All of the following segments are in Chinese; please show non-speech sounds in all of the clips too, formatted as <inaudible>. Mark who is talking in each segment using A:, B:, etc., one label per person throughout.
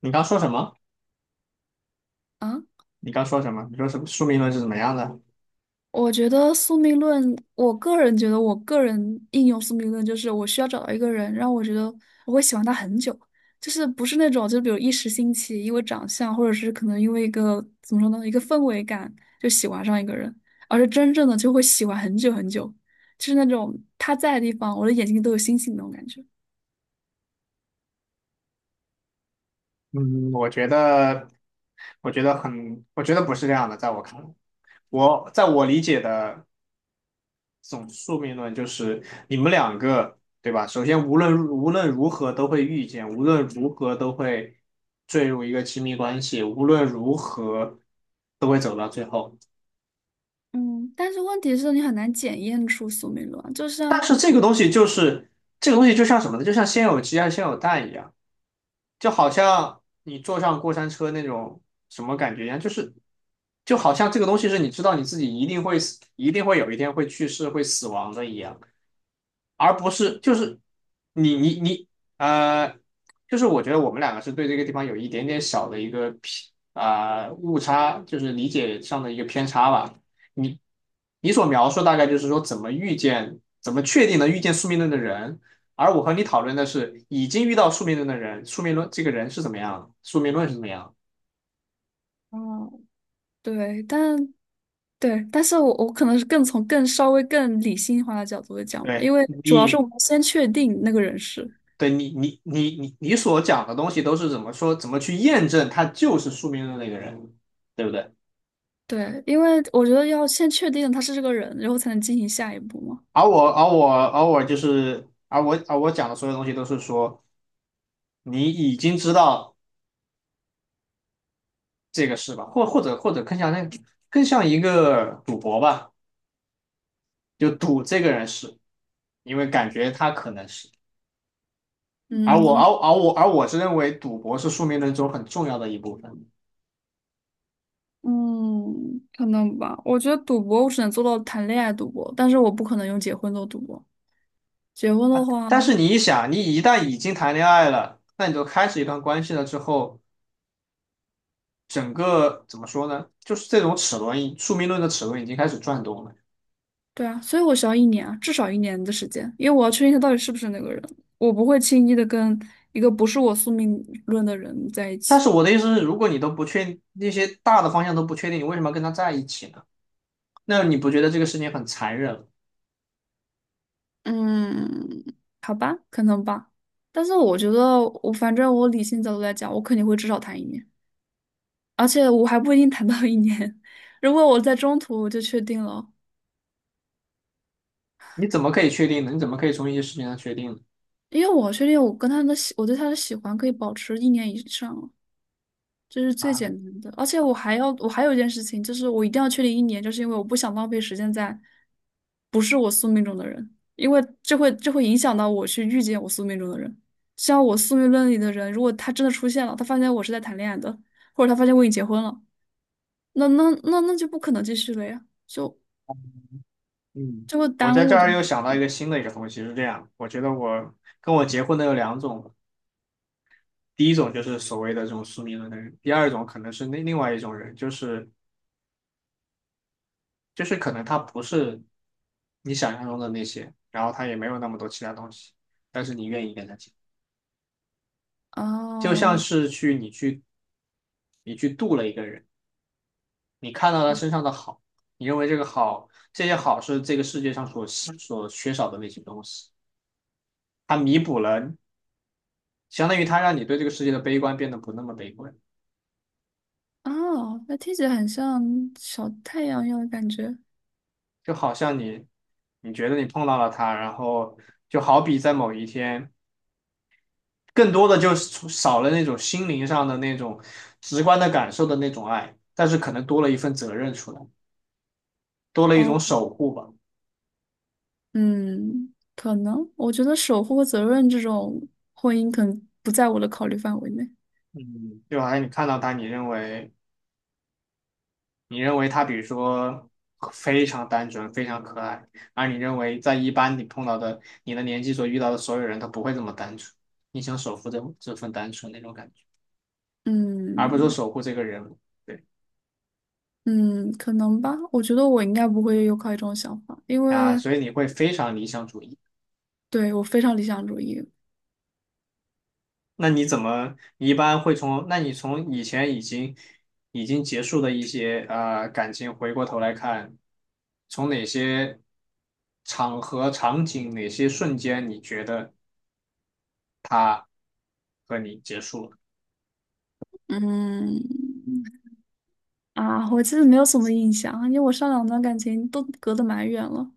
A: 你刚说什么？
B: 啊，
A: 你刚说什么？你说什么？宿命论是怎么样的？
B: 我觉得宿命论，我个人觉得，我个人应用宿命论就是我需要找到一个人，让我觉得我会喜欢他很久，就是不是那种就比如一时兴起，因为长相，或者是可能因为一个怎么说呢，一个氛围感就喜欢上一个人，而是真正的就会喜欢很久很久，就是那种他在的地方，我的眼睛都有星星那种感觉。
A: 嗯，我觉得，我觉得很，我觉得不是这样的，在我看来，我理解的这种宿命论就是你们两个，对吧？首先，无论如何都会遇见，无论如何都会坠入一个亲密关系，无论如何都会走到最后。
B: 嗯，但是问题是你很难检验出宿命论啊就
A: 但
B: 像，
A: 是这个东西就是这个东西，就像什么呢？就像先有鸡还是先有蛋一样。就好像你坐上过山车那种什么感觉一样，就好像这个东西是你知道你自己一定会死，一定会有一天会去世、会死亡的一样。而不是就是你你你呃，就是我觉得我们两个是对这个地方有一点点小的一个偏啊、误差，就是理解上的一个偏差吧。你你所描述大概就是说怎么遇见，怎么确定能遇见宿命论的人，而我和你讨论的是已经遇到宿命论的人，宿命论这个人是怎么样的，宿命论是怎么样的。
B: 哦，对，但是我可能是更从更稍微更理性化的角度来讲吧，
A: 对
B: 因为主要是我
A: 你，
B: 们先确定那个人是，
A: 你所讲的东西都是怎么说，怎么去验证他就是宿命论那个人，对不对？
B: 对，因为我觉得要先确定他是这个人，然后才能进行下一步嘛。
A: 而我而我而我就是而我而我讲的所有东西都是说你已经知道这个事吧，或者更像更像一个赌博吧，就赌这个人是，因为感觉他可能是。而
B: 嗯，
A: 我
B: 怎
A: 而
B: 么？
A: 而我而我是认为赌博是宿命论中很重要的一部分。
B: 嗯，可能吧。我觉得赌博我只能做到谈恋爱赌博，但是我不可能用结婚做赌博。结婚的话，
A: 但是你一想，你一旦已经谈恋爱了，那你就开始一段关系了之后，整个怎么说呢？就是这种齿轮，宿命论的齿轮已经开始转动了。
B: 对啊，所以我需要一年啊，至少一年的时间，因为我要确定他到底是不是那个人，我不会轻易的跟一个不是我宿命论的人在一
A: 但
B: 起。
A: 是我的意思是，如果你都不确那些大的方向都不确定，你为什么要跟他在一起呢？那你不觉得这个事情很残忍吗？
B: 嗯，好吧，可能吧。但是我觉得我反正我理性角度来讲，我肯定会至少谈一年，而且我还不一定谈到一年。<laughs> 如果我在中途我就确定了，
A: 你怎么可以确定呢？你怎么可以从一些事情上确定呢？
B: 因为我确定我对他的喜欢可以保持1年以上。这是最
A: 啊，
B: 简单的。而且我还有一件事情，就是我一定要确定一年，就是因为我不想浪费时间在不是我宿命中的人，因为这会影响到我去遇见我宿命中的人。像我宿命论里的人，如果他真的出现了，他发现我是在谈恋爱的，或者他发现我已经结婚了，那就不可能继续了呀，就
A: 嗯，
B: 就会
A: 我
B: 耽
A: 在这
B: 误着。
A: 儿又想到一个新的一个东西，是这样，我觉得跟我结婚的有两种，第一种就是所谓的这种宿命论的人，第二种可能是那另外一种人，就是可能他不是你想象中的那些，然后他也没有那么多其他东西，但是你愿意跟他结。就像
B: 哦
A: 是去你去你去度了一个人，你看到他身上的好，你认为这个好，这些好是这个世界上所缺少的那些东西，它弥补了，相当于它让你对这个世界的悲观变得不那么悲观，
B: 哦，那听起来很像小太阳一样的感觉。
A: 就好像你觉得你碰到了他，然后就好比在某一天，更多的就是少了那种心灵上的那种直观的感受的那种爱，但是可能多了一份责任出来，多了一种
B: 哦。
A: 守护吧。
B: 嗯，可能我觉得守护和责任这种婚姻可能不在我的考虑范围内。
A: 嗯，就好像你看到他，你认为他比如说非常单纯、非常可爱，而你认为在一般你碰到的你的年纪所遇到的所有人，他不会这么单纯。你想守护这份单纯那种感觉，而不是说
B: 嗯
A: 守护这个人物。对
B: 嗯，可能吧。我觉得我应该不会有考虑这种想法，因
A: 啊，
B: 为
A: 所以你会非常理想主义。
B: 对我非常理想主义。
A: 那你怎么你一般会从？那你从以前已经结束的一些感情，回过头来看，从哪些场合、场景、哪些瞬间，你觉得他和你结束了？
B: 嗯啊，我其实没有什么印象，因为我上两段感情都隔得蛮远了。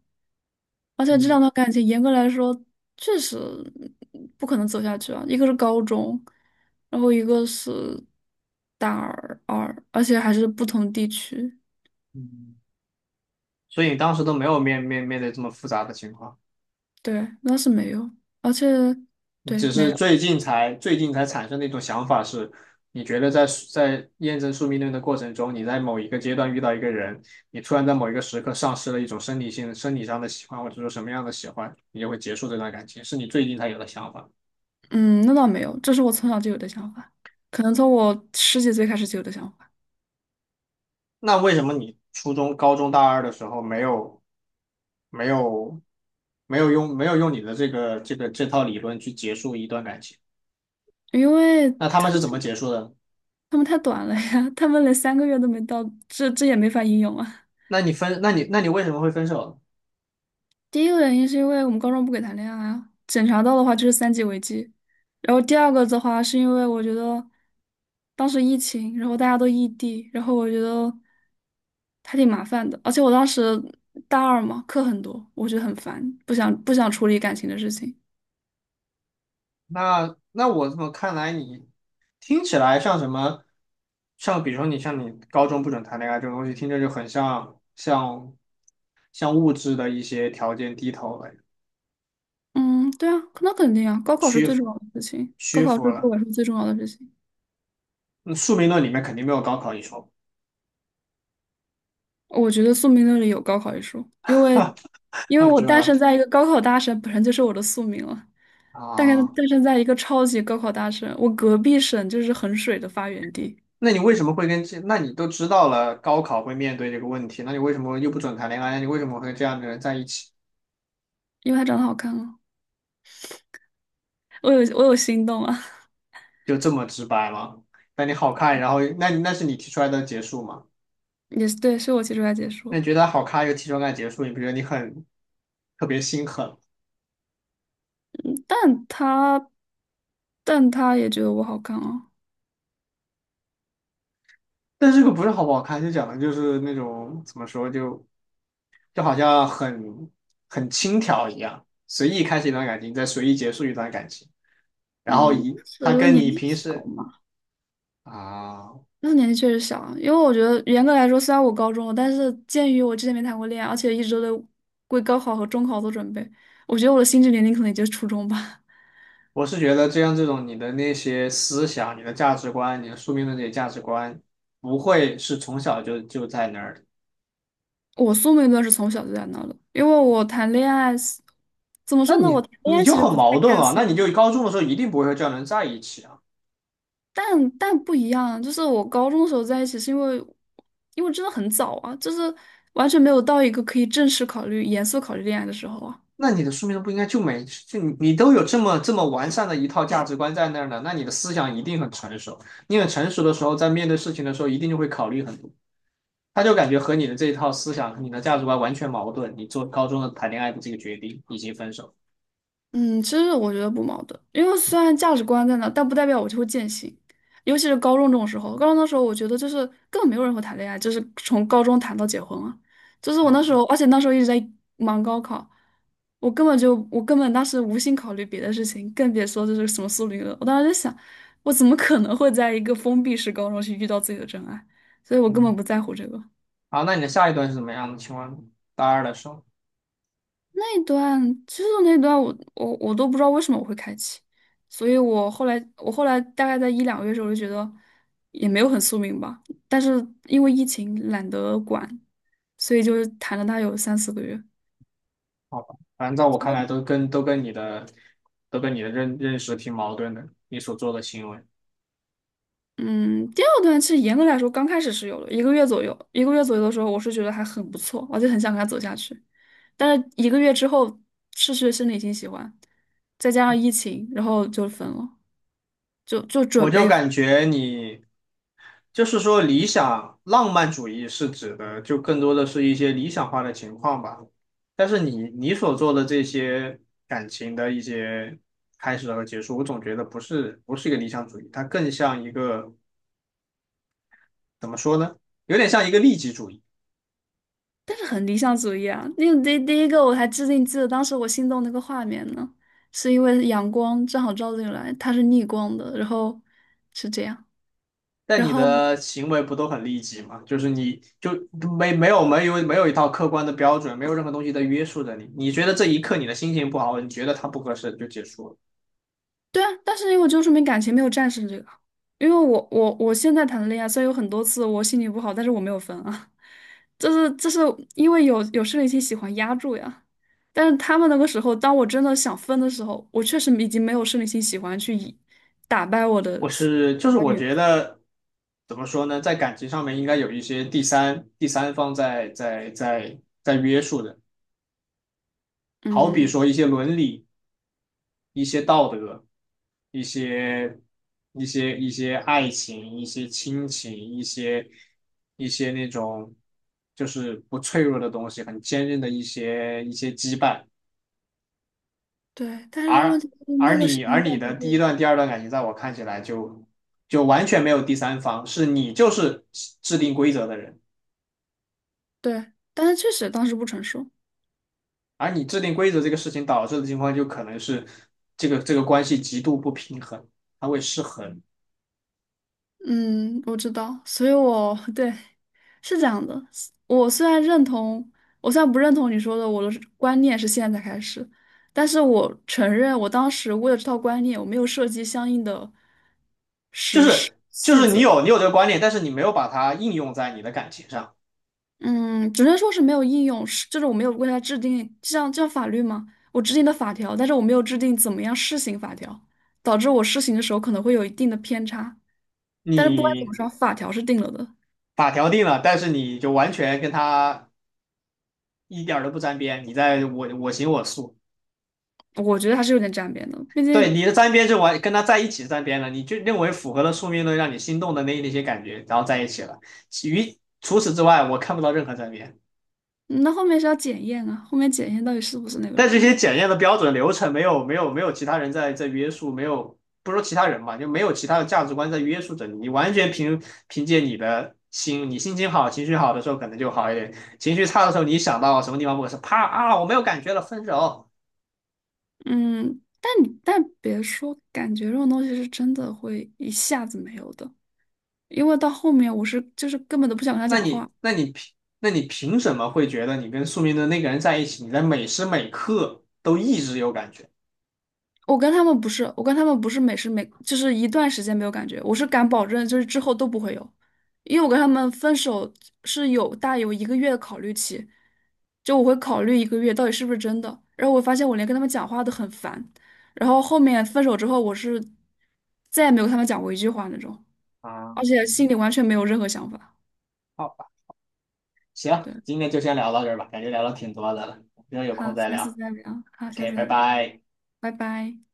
B: 而且这两
A: 嗯。
B: 段感情严格来说确实不可能走下去啊，一个是高中，然后一个是大二，而且还是不同地区。
A: 嗯，所以你当时都没有面对这么复杂的情况，
B: 对，那是没有，而且
A: 你
B: 对
A: 只
B: 没
A: 是
B: 有，
A: 最近才产生的一种想法是，你觉得在验证宿命论的过程中，你在某一个阶段遇到一个人，你突然在某一个时刻丧失了一种生理上的喜欢，或者说什么样的喜欢，你就会结束这段感情，是你最近才有的想法。
B: 嗯，那倒没有，这是我从小就有的想法，可能从我十几岁开始就有的想法，
A: 那为什么你初中、高中、大二的时候没有没有用你的这套理论去结束一段感情？
B: 因为
A: 那他们是怎么结束的？
B: 他们太短了呀，他们连3个月都没到，这也没法应用啊。
A: 那你为什么会分手？
B: 第一个原因是因为我们高中不给谈恋爱啊，检查到的话就是三级违纪。然后第二个的话是因为我觉得当时疫情，然后大家都异地，然后我觉得还挺麻烦的。而且我当时大二嘛，课很多，我觉得很烦，不想处理感情的事情。
A: 那那我怎么看来你听起来像什么？像比如说你高中不准谈恋爱这种东西，听着就很像像物质的一些条件低头了，
B: 嗯，对啊，那肯定啊，高考是
A: 屈
B: 最重
A: 服
B: 要的事情，高
A: 屈
B: 考是
A: 服
B: 对
A: 了。
B: 我来说最重要的事情。
A: 嗯宿命论里面肯定没有高考一说，
B: 我觉得宿命论里有高考一说，因为
A: <laughs>
B: 因为
A: 啊
B: 我
A: 知道
B: 诞
A: 吧？
B: 生在一个高考大省，本身就是我的宿命了。但是
A: 啊，
B: 诞生在一个超级高考大省，我隔壁省就是衡水的发源地，
A: 那你为什么会跟这？那你都知道了高考会面对这个问题，那你为什么又不准谈恋爱？那你为什么会跟这样的人在一起？
B: 因为他长得好看啊，我有心动啊，
A: 就这么直白吗？那你好看，然后那是你提出来的结束吗？
B: <laughs> 也是对，是我提出来解
A: 那你
B: 说，
A: 觉得好看又提出来结束，你不觉得你很特别心狠？
B: 但他但他也觉得我好看啊，
A: <laughs> 但是这个不是好不好看，就讲的就是那种怎么说，就好像很轻佻一样，随意开始一段感情，再随意结束一段感情，然后
B: 嗯，
A: 以
B: 当
A: 他
B: 时
A: 跟
B: 年
A: 你
B: 纪
A: 平
B: 小
A: 时。
B: 嘛，
A: 啊，
B: 那时年纪确实小啊，因为我觉得严格来说，虽然我高中了，但是鉴于我之前没谈过恋爱，而且一直都在为高考和中考做准备，我觉得我的心智年龄可能也就是初中吧。
A: 我是觉得这样这种你的那些思想、你的价值观、你的宿命论这些价值观，不会是从小就在那儿的。
B: 我宿命论是从小就在那的，因为我谈恋爱是，怎么
A: 那
B: 说呢？
A: 你
B: 我谈恋
A: 你
B: 爱
A: 就
B: 其实
A: 很
B: 不太
A: 矛盾
B: 看
A: 啊，
B: 宿
A: 那你就
B: 命，
A: 高中的时候一定不会和这样的人在一起啊。
B: 但不一样，就是我高中的时候在一起，是因为真的很早啊，就是完全没有到一个可以正式考虑、严肃考虑恋爱的时候啊。
A: 那你的书面上不应该就你都有这么完善的一套价值观在那儿呢，那你的思想一定很成熟。你很成熟的时候，在面对事情的时候，一定就会考虑很多。他就感觉和你的这一套思想、和你的价值观完全矛盾。你做高中的谈恋爱的这个决定以及分手。
B: 嗯，其实我觉得不矛盾，因为虽然价值观在那，但不代表我就会践行。尤其是高中这种时候，高中的时候，我觉得就是根本没有人会谈恋爱，就是从高中谈到结婚啊。就是我
A: 啊，
B: 那时候，而且那时候一直在忙高考，我根本当时无心考虑别的事情，更别说就是什么苏联了。我当时就想，我怎么可能会在一个封闭式高中去遇到自己的真爱？所以我根本
A: 嗯，
B: 不在乎这个。
A: 好，那你的下一段是怎么样的？请问大二的时候，
B: 那段那段我都不知道为什么我会开启，所以我后来大概在1、2个月的时候，我就觉得也没有很宿命吧，但是因为疫情懒得管，所以就谈了它有3、4个月。
A: 好吧，反正在我看来都跟你的认识挺矛盾的，你所做的行为。
B: 嗯，第二段其实严格来说刚开始是有的，一个月左右，一个月左右的时候，我是觉得还很不错，而且很想跟他走下去。但是一个月之后失去了生理性喜欢，再加上疫情，然后就分了，就
A: 我
B: 准
A: 就
B: 备。
A: 感觉你就是说理想浪漫主义是指的，就更多的是一些理想化的情况吧。但是你所做的这些感情的一些开始和结束，我总觉得不是一个理想主义，它更像一个怎么说呢？有点像一个利己主义。
B: 但是很理想主义啊！那个第一个我还至今记得，当时我心动那个画面呢，是因为阳光正好照进来，它是逆光的，然后是这样，
A: 但
B: 然
A: 你
B: 后
A: 的行为不都很利己吗？就是你就没有一套客观的标准，没有任何东西在约束着你。你觉得这一刻你的心情不好，你觉得它不合适就结束了。
B: 对啊，但是因为我就说明感情，没有战胜这个，因为我现在谈的恋爱，虽然有很多次我心情不好，但是我没有分啊，<laughs> 就是因为有生理期喜欢压住呀，但是他们那个时候，当我真的想分的时候，我确实已经没有生理期喜欢去以打败我
A: 我
B: 的喜
A: 是就是
B: 欢
A: 我
B: 源
A: 觉得怎么说呢，在感情上面应该有一些第三方在约束的，好比
B: 嗯。
A: 说一些伦理、一些道德、一些一些爱情、一些亲情、一些那种就是不脆弱的东西，很坚韧的一些羁绊，
B: 对，但是问
A: 而
B: 题是
A: 而
B: 那个时
A: 你
B: 间段不
A: 的第一
B: 对，
A: 段、第二段感情，在我看起来就完全没有第三方，是你就是制定规则的人。
B: 对，但是确实当时不成熟。
A: 而你制定规则这个事情导致的情况，就可能是这个关系极度不平衡，它会失衡。
B: 嗯，我知道，所以我 <laughs> 对是这样的。我虽然认同，我虽然不认同你说的，我的观念是现在才开始，但是我承认，我当时为了这套观念，我没有设计相应的实施细
A: 你
B: 则。
A: 有这个观念，但是你没有把它应用在你的感情上。
B: 嗯，只能说是没有应用，就是我没有为它制定，就像法律吗？我制定的法条，但是我没有制定怎么样施行法条，导致我施行的时候可能会有一定的偏差。但是不管怎么
A: 你
B: 说，法条是定了的，
A: 法条定了，但是你就完全跟他一点都不沾边，你在我我行我素。
B: 我觉得还是有点沾边的，毕
A: 对，
B: 竟
A: 你的沾边就完跟他在一起沾边了，你就认为符合了宿命论让你心动的那些感觉，然后在一起了。于除此之外，我看不到任何沾边。
B: 嗯那后面是要检验啊，后面检验到底是不是那个
A: 但这
B: 人呢？
A: 些检验的标准流程没有其他人在约束，没有不说其他人吧，就没有其他的价值观在约束着你，你完全凭借你的心，你心情好、情绪好的时候可能就好一点，情绪差的时候你想到什么地方不合适，啪啊我没有感觉了，分手。
B: 嗯，但别说，感觉这种东西是真的会一下子没有的，因为到后面我是就是根本都不想跟他
A: 那
B: 讲
A: 你
B: 话。
A: 那你凭那你凭什么会觉得你跟宿命的那个人在一起，你在每时每刻都一直有感觉？
B: 我跟他们不是每时每就是一段时间没有感觉，我是敢保证，就是之后都不会有，因为我跟他们分手是有大有一个月的考虑期，就我会考虑一个月到底是不是真的，然后我发现我连跟他们讲话都很烦，然后后面分手之后，我是再也没有跟他们讲过一句话那种，
A: 啊？
B: 而且心
A: 嗯
B: 里完全没有任何想法。
A: 好吧，行，
B: 对，
A: 今天就先聊到这儿吧，感觉聊了挺多的了，之后有空
B: 好，
A: 再
B: 下次
A: 聊
B: 再聊，好，下
A: ，OK，
B: 次
A: 拜
B: 再聊，
A: 拜。
B: 拜拜。